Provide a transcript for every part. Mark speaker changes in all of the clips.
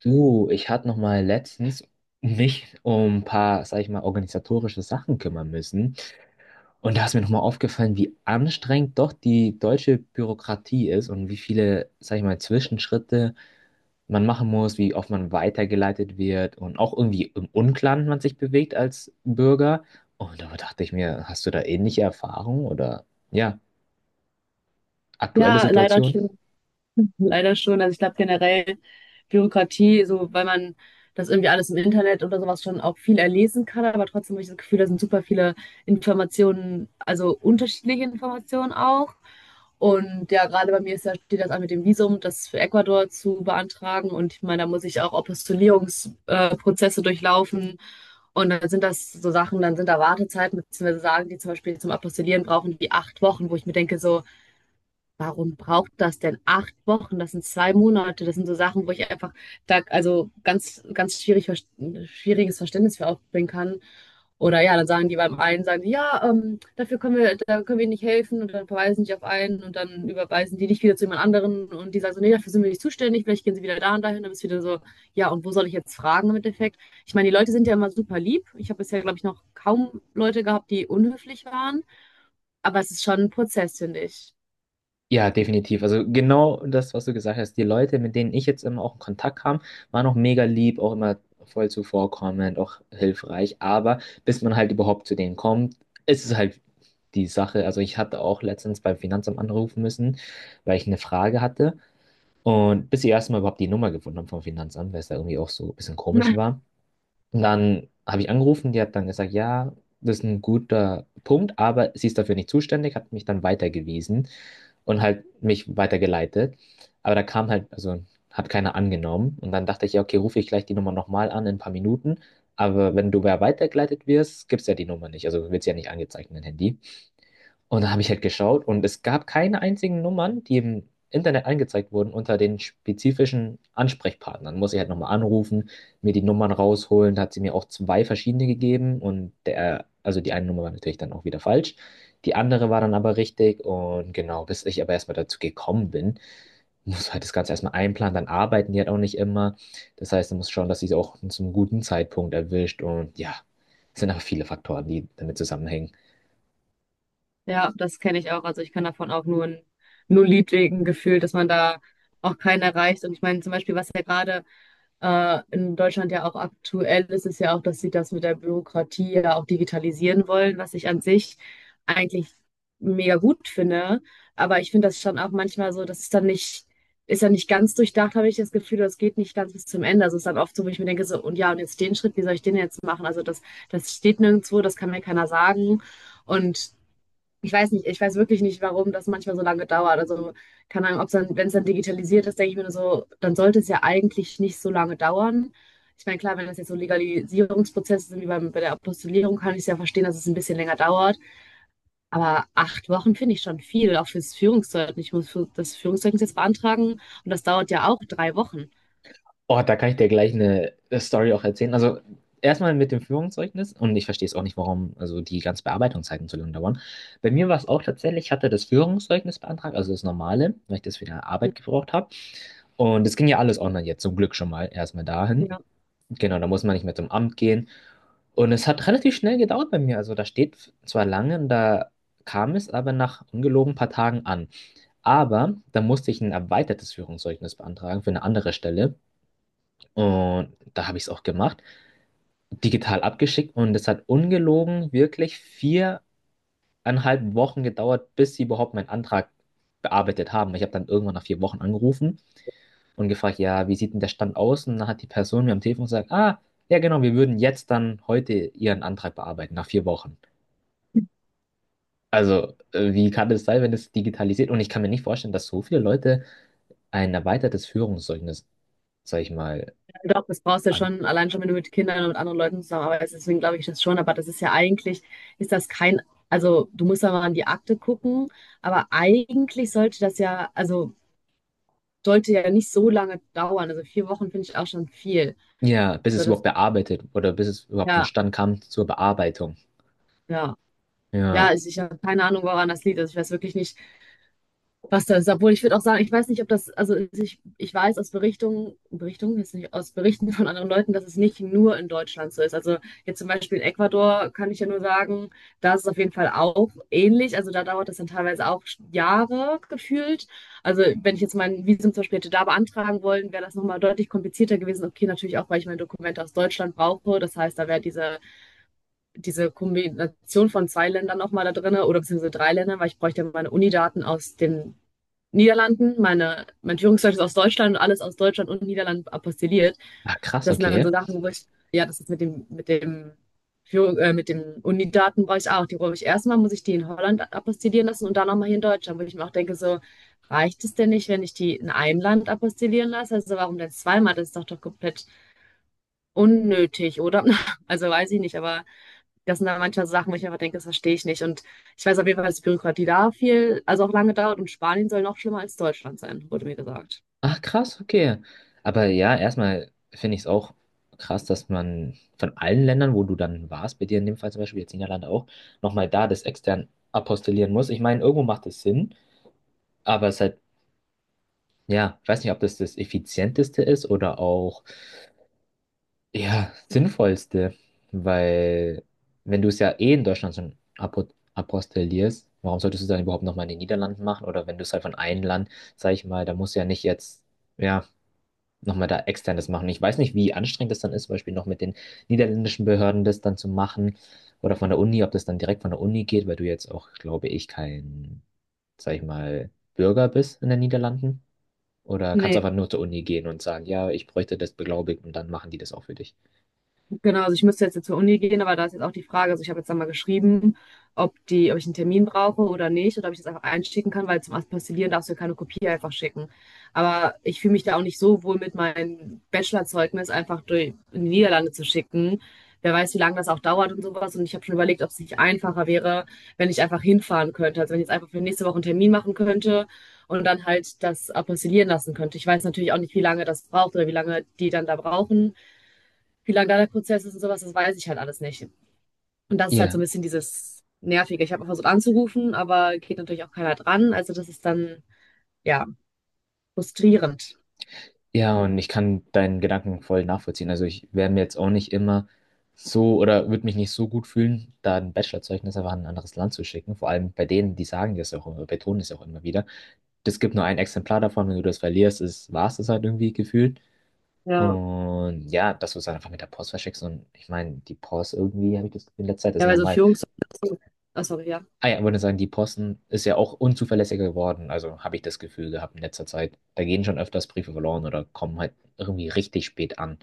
Speaker 1: Du, ich hatte noch mal letztens mich um ein paar, sag ich mal, organisatorische Sachen kümmern müssen. Und da ist mir noch mal aufgefallen, wie anstrengend doch die deutsche Bürokratie ist und wie viele, sag ich mal, Zwischenschritte man machen muss, wie oft man weitergeleitet wird und auch irgendwie im Unklaren man sich bewegt als Bürger. Und da dachte ich mir, hast du da ähnliche Erfahrungen oder ja, aktuelle
Speaker 2: Ja, leider
Speaker 1: Situation?
Speaker 2: schon. Leider schon. Also ich glaube generell Bürokratie, so weil man das irgendwie alles im Internet oder sowas schon auch viel erlesen kann, aber trotzdem habe ich das Gefühl, da sind super viele Informationen, also unterschiedliche Informationen auch. Und ja, gerade bei mir ist ja, steht das an mit dem Visum, das für Ecuador zu beantragen. Und ich meine, da muss ich auch Apostillierungsprozesse Prozesse durchlaufen. Und dann sind das so Sachen, dann sind da Wartezeiten, beziehungsweise sagen die zum Beispiel zum Apostillieren brauchen die 8 Wochen, wo ich mir denke, so, warum braucht das denn 8 Wochen? Das sind 2 Monate. Das sind so Sachen, wo ich einfach da, also ganz, ganz schwierig, schwieriges Verständnis für aufbringen kann. Oder ja, dann sagen die beim einen, sagen die, ja, dafür können wir, da können wir nicht helfen und dann verweisen die auf einen und dann überweisen die dich wieder zu jemand anderen und die sagen so, nee, dafür sind wir nicht zuständig, vielleicht gehen sie wieder da und dahin, dann bist du wieder so, ja, und wo soll ich jetzt fragen im Endeffekt? Ich meine, die Leute sind ja immer super lieb. Ich habe bisher, glaube ich, noch kaum Leute gehabt, die unhöflich waren, aber es ist schon ein Prozess, finde ich.
Speaker 1: Ja, definitiv. Also genau das, was du gesagt hast. Die Leute, mit denen ich jetzt immer auch in Kontakt kam, waren auch mega lieb, auch immer voll zuvorkommend, auch hilfreich. Aber bis man halt überhaupt zu denen kommt, ist es halt die Sache. Also ich hatte auch letztens beim Finanzamt anrufen müssen, weil ich eine Frage hatte. Und bis sie erstmal überhaupt die Nummer gefunden haben vom Finanzamt, weil es da irgendwie auch so ein bisschen komisch war. Und dann habe ich angerufen, die hat dann gesagt, ja, das ist ein guter Punkt, aber sie ist dafür nicht zuständig, hat mich dann weitergewiesen und halt mich weitergeleitet. Aber da kam halt, also hat keiner angenommen. Und dann dachte ich, ja, okay, rufe ich gleich die Nummer nochmal an in ein paar Minuten. Aber wenn du wer weitergeleitet wirst, gibt es ja die Nummer nicht. Also wird es ja nicht angezeigt in dein Handy. Und dann habe ich halt geschaut und es gab keine einzigen Nummern, die im Internet angezeigt wurden unter den spezifischen Ansprechpartnern. Muss ich halt nochmal anrufen, mir die Nummern rausholen. Da hat sie mir auch zwei verschiedene gegeben und der, also die eine Nummer war natürlich dann auch wieder falsch. Die andere war dann aber richtig und genau, bis ich aber erstmal dazu gekommen bin, muss halt das Ganze erstmal einplanen, dann arbeiten die halt auch nicht immer. Das heißt, man muss schauen, dass sie es auch zum guten Zeitpunkt erwischt und ja, es sind aber viele Faktoren, die damit zusammenhängen.
Speaker 2: Ja, das kenne ich auch. Also ich kann davon auch nur ein Lied singen, gefühlt, dass man da auch keinen erreicht. Und ich meine, zum Beispiel, was ja gerade in Deutschland ja auch aktuell ist, ist ja auch, dass sie das mit der Bürokratie ja auch digitalisieren wollen, was ich an sich eigentlich mega gut finde. Aber ich finde das schon auch manchmal so, das ist dann nicht ganz durchdacht, habe ich das Gefühl, das geht nicht ganz bis zum Ende. Also es ist dann oft so, wo ich mir denke, so, und ja, und jetzt den Schritt, wie soll ich den jetzt machen? Also das, das steht nirgendwo, das kann mir keiner sagen. Und ich weiß wirklich nicht, warum das manchmal so lange dauert. Also, keine Ahnung, ob's dann, wenn es dann digitalisiert ist, denke ich mir nur so, dann sollte es ja eigentlich nicht so lange dauern. Ich meine, klar, wenn das jetzt so Legalisierungsprozesse sind wie bei der Apostillierung, kann ich es ja verstehen, dass es ein bisschen länger dauert. Aber 8 Wochen finde ich schon viel, auch fürs Führungszeugnis. Ich muss für das Führungszeugnis jetzt beantragen und das dauert ja auch 3 Wochen.
Speaker 1: Oh, da kann ich dir gleich eine Story auch erzählen. Also erstmal mit dem Führungszeugnis und ich verstehe es auch nicht, warum also die ganzen Bearbeitungszeiten so lange dauern. Bei mir war es auch tatsächlich, ich hatte das Führungszeugnis beantragt, also das normale, weil ich das für die Arbeit gebraucht habe. Und es ging ja alles online jetzt, zum Glück schon mal erstmal dahin. Genau, da muss man nicht mehr zum Amt gehen. Und es hat relativ schnell gedauert bei mir. Also da steht zwar lange, und da kam es aber nach ungelogen ein paar Tagen an. Aber da musste ich ein erweitertes Führungszeugnis beantragen für eine andere Stelle. Und da habe ich es auch gemacht, digital abgeschickt und es hat ungelogen wirklich 4,5 Wochen gedauert, bis sie überhaupt meinen Antrag bearbeitet haben. Ich habe dann irgendwann nach 4 Wochen angerufen und gefragt, ja, wie sieht denn der Stand aus? Und dann hat die Person mir am Telefon gesagt, ah, ja genau, wir würden jetzt dann heute Ihren Antrag bearbeiten, nach 4 Wochen. Also, wie kann das sein, wenn es digitalisiert? Und ich kann mir nicht vorstellen, dass so viele Leute ein erweitertes Führungszeugnis, sag ich mal,
Speaker 2: Doch, das brauchst du
Speaker 1: an.
Speaker 2: schon, allein schon, wenn du mit Kindern und mit anderen Leuten zusammenarbeitest. Deswegen glaube ich das schon. Aber das ist ja eigentlich, ist das kein, also du musst ja mal an die Akte gucken. Aber eigentlich sollte das ja, also sollte ja nicht so lange dauern. Also 4 Wochen finde ich auch schon viel.
Speaker 1: Ja, bis
Speaker 2: So,
Speaker 1: es überhaupt
Speaker 2: das,
Speaker 1: bearbeitet oder bis es überhaupt zum
Speaker 2: ja,
Speaker 1: Stand kam zur Bearbeitung.
Speaker 2: ja. Ja,
Speaker 1: Ja.
Speaker 2: also ich habe keine Ahnung, woran das liegt. Also ich weiß wirklich nicht, was da ist. Obwohl ich würde auch sagen, ich weiß nicht, ob das, ich weiß aus jetzt nicht aus Berichten von anderen Leuten, dass es nicht nur in Deutschland so ist. Also jetzt zum Beispiel in Ecuador kann ich ja nur sagen, da ist es auf jeden Fall auch ähnlich. Also da dauert das dann teilweise auch Jahre gefühlt. Also wenn ich jetzt mein Visum zum Beispiel hätte da beantragen wollen, wäre das nochmal deutlich komplizierter gewesen. Okay, natürlich auch, weil ich meine Dokumente aus Deutschland brauche. Das heißt, da wäre diese Kombination von 2 Ländern nochmal da drin oder beziehungsweise 3 Ländern, weil ich bräuchte ja meine Unidaten aus den Niederlanden, mein Führungszeug ist aus Deutschland und alles aus Deutschland und Niederlanden apostilliert.
Speaker 1: Ach, krass,
Speaker 2: Das sind dann so
Speaker 1: okay.
Speaker 2: Sachen, wo ich, ja, das ist mit dem mit den Unidaten brauche ich auch. Die brauche ich erstmal, muss ich die in Holland apostillieren lassen und dann nochmal hier in Deutschland, wo ich mir auch denke, so, reicht es denn nicht, wenn ich die in einem Land apostillieren lasse? Also warum denn zweimal? Das ist doch komplett unnötig, oder? Also weiß ich nicht, aber das sind dann manchmal so Sachen, wo ich einfach denke, das verstehe ich nicht. Und ich weiß auf jeden Fall, dass die Bürokratie da viel, also auch lange dauert und Spanien soll noch schlimmer als Deutschland sein, wurde mir gesagt.
Speaker 1: Ach, krass, okay. Aber ja, erstmal finde ich es auch krass, dass man von allen Ländern, wo du dann warst, bei dir in dem Fall zum Beispiel, jetzt Niederlande auch, nochmal da das extern apostillieren muss. Ich meine, irgendwo macht es Sinn, aber es ist halt, ja, ich weiß nicht, ob das das Effizienteste ist oder auch. Ja, sinnvollste, weil wenn du es ja eh in Deutschland schon apostillierst, warum solltest du es dann überhaupt nochmal in den Niederlanden machen? Oder wenn du es halt von einem Land, sag ich mal, da musst du ja nicht jetzt, ja, nochmal da externes machen. Ich weiß nicht, wie anstrengend das dann ist, zum Beispiel noch mit den niederländischen Behörden das dann zu machen oder von der Uni, ob das dann direkt von der Uni geht, weil du jetzt auch, glaube ich, kein, sag ich mal, Bürger bist in den Niederlanden. Oder kannst
Speaker 2: Nee.
Speaker 1: einfach nur zur Uni gehen und sagen, ja, ich bräuchte das beglaubigt und dann machen die das auch für dich.
Speaker 2: Genau, also ich müsste jetzt zur Uni gehen, aber da ist jetzt auch die Frage, also ich habe jetzt einmal geschrieben, ob die, ob ich einen Termin brauche oder nicht, oder ob ich das einfach einschicken kann, weil zum Aspergillieren darfst du ja keine Kopie einfach schicken. Aber ich fühle mich da auch nicht so wohl mit meinem Bachelorzeugnis einfach durch, in die Niederlande zu schicken. Wer weiß, wie lange das auch dauert und sowas. Und ich habe schon überlegt, ob es nicht einfacher wäre, wenn ich einfach hinfahren könnte. Also wenn ich jetzt einfach für nächste Woche einen Termin machen könnte und dann halt das apostillieren lassen könnte. Ich weiß natürlich auch nicht, wie lange das braucht oder wie lange die dann da brauchen, wie lang da der Prozess ist und sowas, das weiß ich halt alles nicht. Und das ist halt
Speaker 1: Ja.
Speaker 2: so ein bisschen dieses Nervige. Ich habe auch versucht anzurufen, aber geht natürlich auch keiner dran. Also das ist dann, ja, frustrierend.
Speaker 1: Ja, und ich kann deinen Gedanken voll nachvollziehen. Also ich wäre mir jetzt auch nicht immer so oder würde mich nicht so gut fühlen, da ein Bachelorzeugnis einfach an ein anderes Land zu schicken. Vor allem bei denen, die sagen das ja auch immer, betonen es auch immer wieder. Es gibt nur ein Exemplar davon, wenn du das verlierst, ist, war es das halt irgendwie gefühlt.
Speaker 2: Ja,
Speaker 1: Und ja, dass du es dann einfach mit der Post verschickst. Und ich meine, die Post irgendwie, habe ich das in letzter Zeit, ist
Speaker 2: ja, weil so
Speaker 1: nochmal.
Speaker 2: Führungs... Oh, sorry, ja.
Speaker 1: Ah ja, ich würde sagen, die Posten ist ja auch unzuverlässiger geworden. Also habe ich das Gefühl gehabt in letzter Zeit. Da gehen schon öfters Briefe verloren oder kommen halt irgendwie richtig spät an.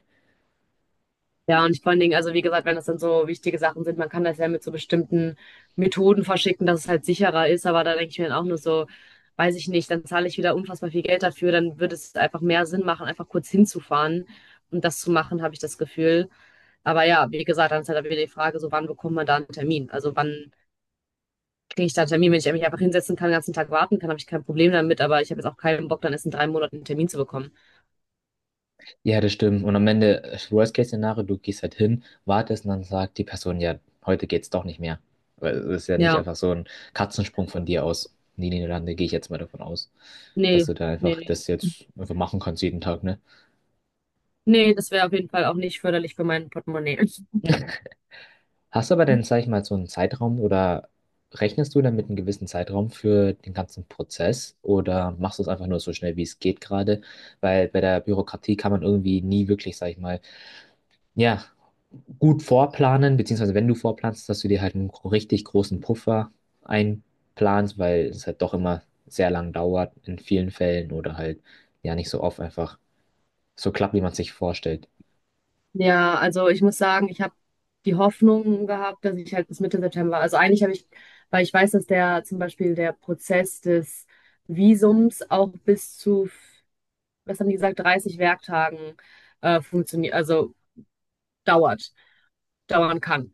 Speaker 2: Ja, und vor allen Dingen, also wie gesagt, wenn das dann so wichtige Sachen sind, man kann das ja mit so bestimmten Methoden verschicken, dass es halt sicherer ist, aber da denke ich mir dann auch nur so, weiß ich nicht, dann zahle ich wieder unfassbar viel Geld dafür, dann würde es einfach mehr Sinn machen, einfach kurz hinzufahren und das zu machen, habe ich das Gefühl. Aber ja, wie gesagt, dann ist halt wieder die Frage, so wann bekommt man da einen Termin? Also wann kriege ich da einen Termin? Wenn ich mich einfach hinsetzen kann, den ganzen Tag warten kann, habe ich kein Problem damit, aber ich habe jetzt auch keinen Bock, dann erst in 3 Monaten einen Termin zu bekommen.
Speaker 1: Ja, das stimmt. Und am Ende, Worst-Case-Szenario, du gehst halt hin, wartest und dann sagt die Person, ja, heute geht's doch nicht mehr. Weil es ist ja nicht
Speaker 2: Ja,
Speaker 1: einfach so ein Katzensprung von dir aus. In die Niederlande gehe ich jetzt mal davon aus, dass
Speaker 2: nee,
Speaker 1: du da einfach
Speaker 2: nee.
Speaker 1: das jetzt einfach machen kannst jeden Tag, ne?
Speaker 2: Nee, das wäre auf jeden Fall auch nicht förderlich für mein Portemonnaie.
Speaker 1: Hast du aber dann, sag ich mal, so einen Zeitraum oder rechnest du dann mit einem gewissen Zeitraum für den ganzen Prozess oder machst du es einfach nur so schnell, wie es geht gerade? Weil bei der Bürokratie kann man irgendwie nie wirklich, sag ich mal, ja, gut vorplanen, beziehungsweise wenn du vorplanst, dass du dir halt einen richtig großen Puffer einplanst, weil es halt doch immer sehr lang dauert in vielen Fällen oder halt ja nicht so oft einfach so klappt, wie man es sich vorstellt.
Speaker 2: Ja, also ich muss sagen, ich habe die Hoffnung gehabt, dass ich halt bis Mitte September, also eigentlich habe ich, weil ich weiß, dass der zum Beispiel der Prozess des Visums auch bis zu, was haben die gesagt, 30 Werktagen funktioniert, also dauert, dauern kann.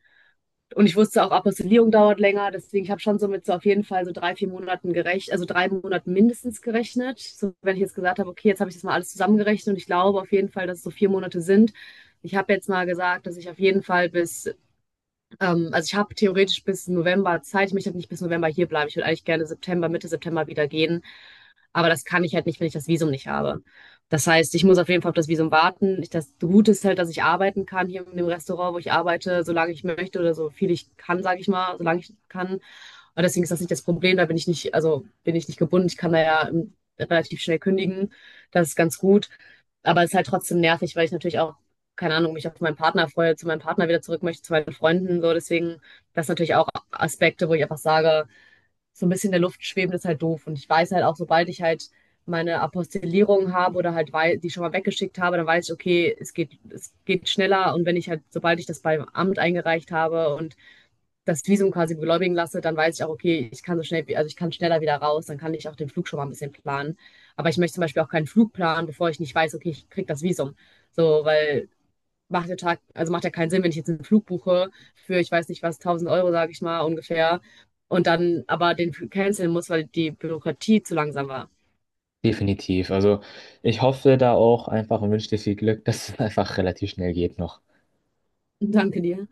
Speaker 2: Und ich wusste auch, Apostillierung dauert länger, deswegen ich habe schon so mit so auf jeden Fall so drei, 4 Monaten gerechnet, also 3 Monaten mindestens gerechnet. So, wenn ich jetzt gesagt habe, okay, jetzt habe ich das mal alles zusammengerechnet und ich glaube auf jeden Fall, dass es so 4 Monate sind. Ich habe jetzt mal gesagt, dass ich auf jeden Fall bis, also ich habe theoretisch bis November Zeit. Ich möchte nicht bis November hier bleiben. Ich würde eigentlich gerne September, Mitte September wieder gehen, aber das kann ich halt nicht, wenn ich das Visum nicht habe. Das heißt, ich muss auf jeden Fall auf das Visum warten. Ich, das Gute ist halt, dass ich arbeiten kann hier in dem Restaurant, wo ich arbeite, solange ich möchte oder so viel ich kann, sage ich mal, solange ich kann. Und deswegen ist das nicht das Problem. Da bin ich nicht, also bin ich nicht gebunden. Ich kann da ja relativ schnell kündigen. Das ist ganz gut. Aber es ist halt trotzdem nervig, weil ich natürlich auch, keine Ahnung, mich auf meinen Partner freue, zu meinem Partner wieder zurück möchte, zu meinen Freunden. So, deswegen, das sind natürlich auch Aspekte, wo ich einfach sage, so ein bisschen in der Luft schweben, ist halt doof. Und ich weiß halt auch, sobald ich halt meine Apostillierung habe oder halt die schon mal weggeschickt habe, dann weiß ich, okay, es geht schneller. Und wenn ich halt, sobald ich das beim Amt eingereicht habe und das Visum quasi beglaubigen lasse, dann weiß ich auch, okay, ich kann so schnell, also ich kann schneller wieder raus, dann kann ich auch den Flug schon mal ein bisschen planen. Aber ich möchte zum Beispiel auch keinen Flug planen, bevor ich nicht weiß, okay, ich krieg das Visum. So, weil also macht ja keinen Sinn, wenn ich jetzt einen Flug buche für, ich weiß nicht was, 1000 Euro, sage ich mal, ungefähr, und dann aber den canceln muss, weil die Bürokratie zu langsam war.
Speaker 1: Definitiv. Also ich hoffe da auch einfach und wünsche dir viel Glück, dass es einfach relativ schnell geht noch.
Speaker 2: Danke dir.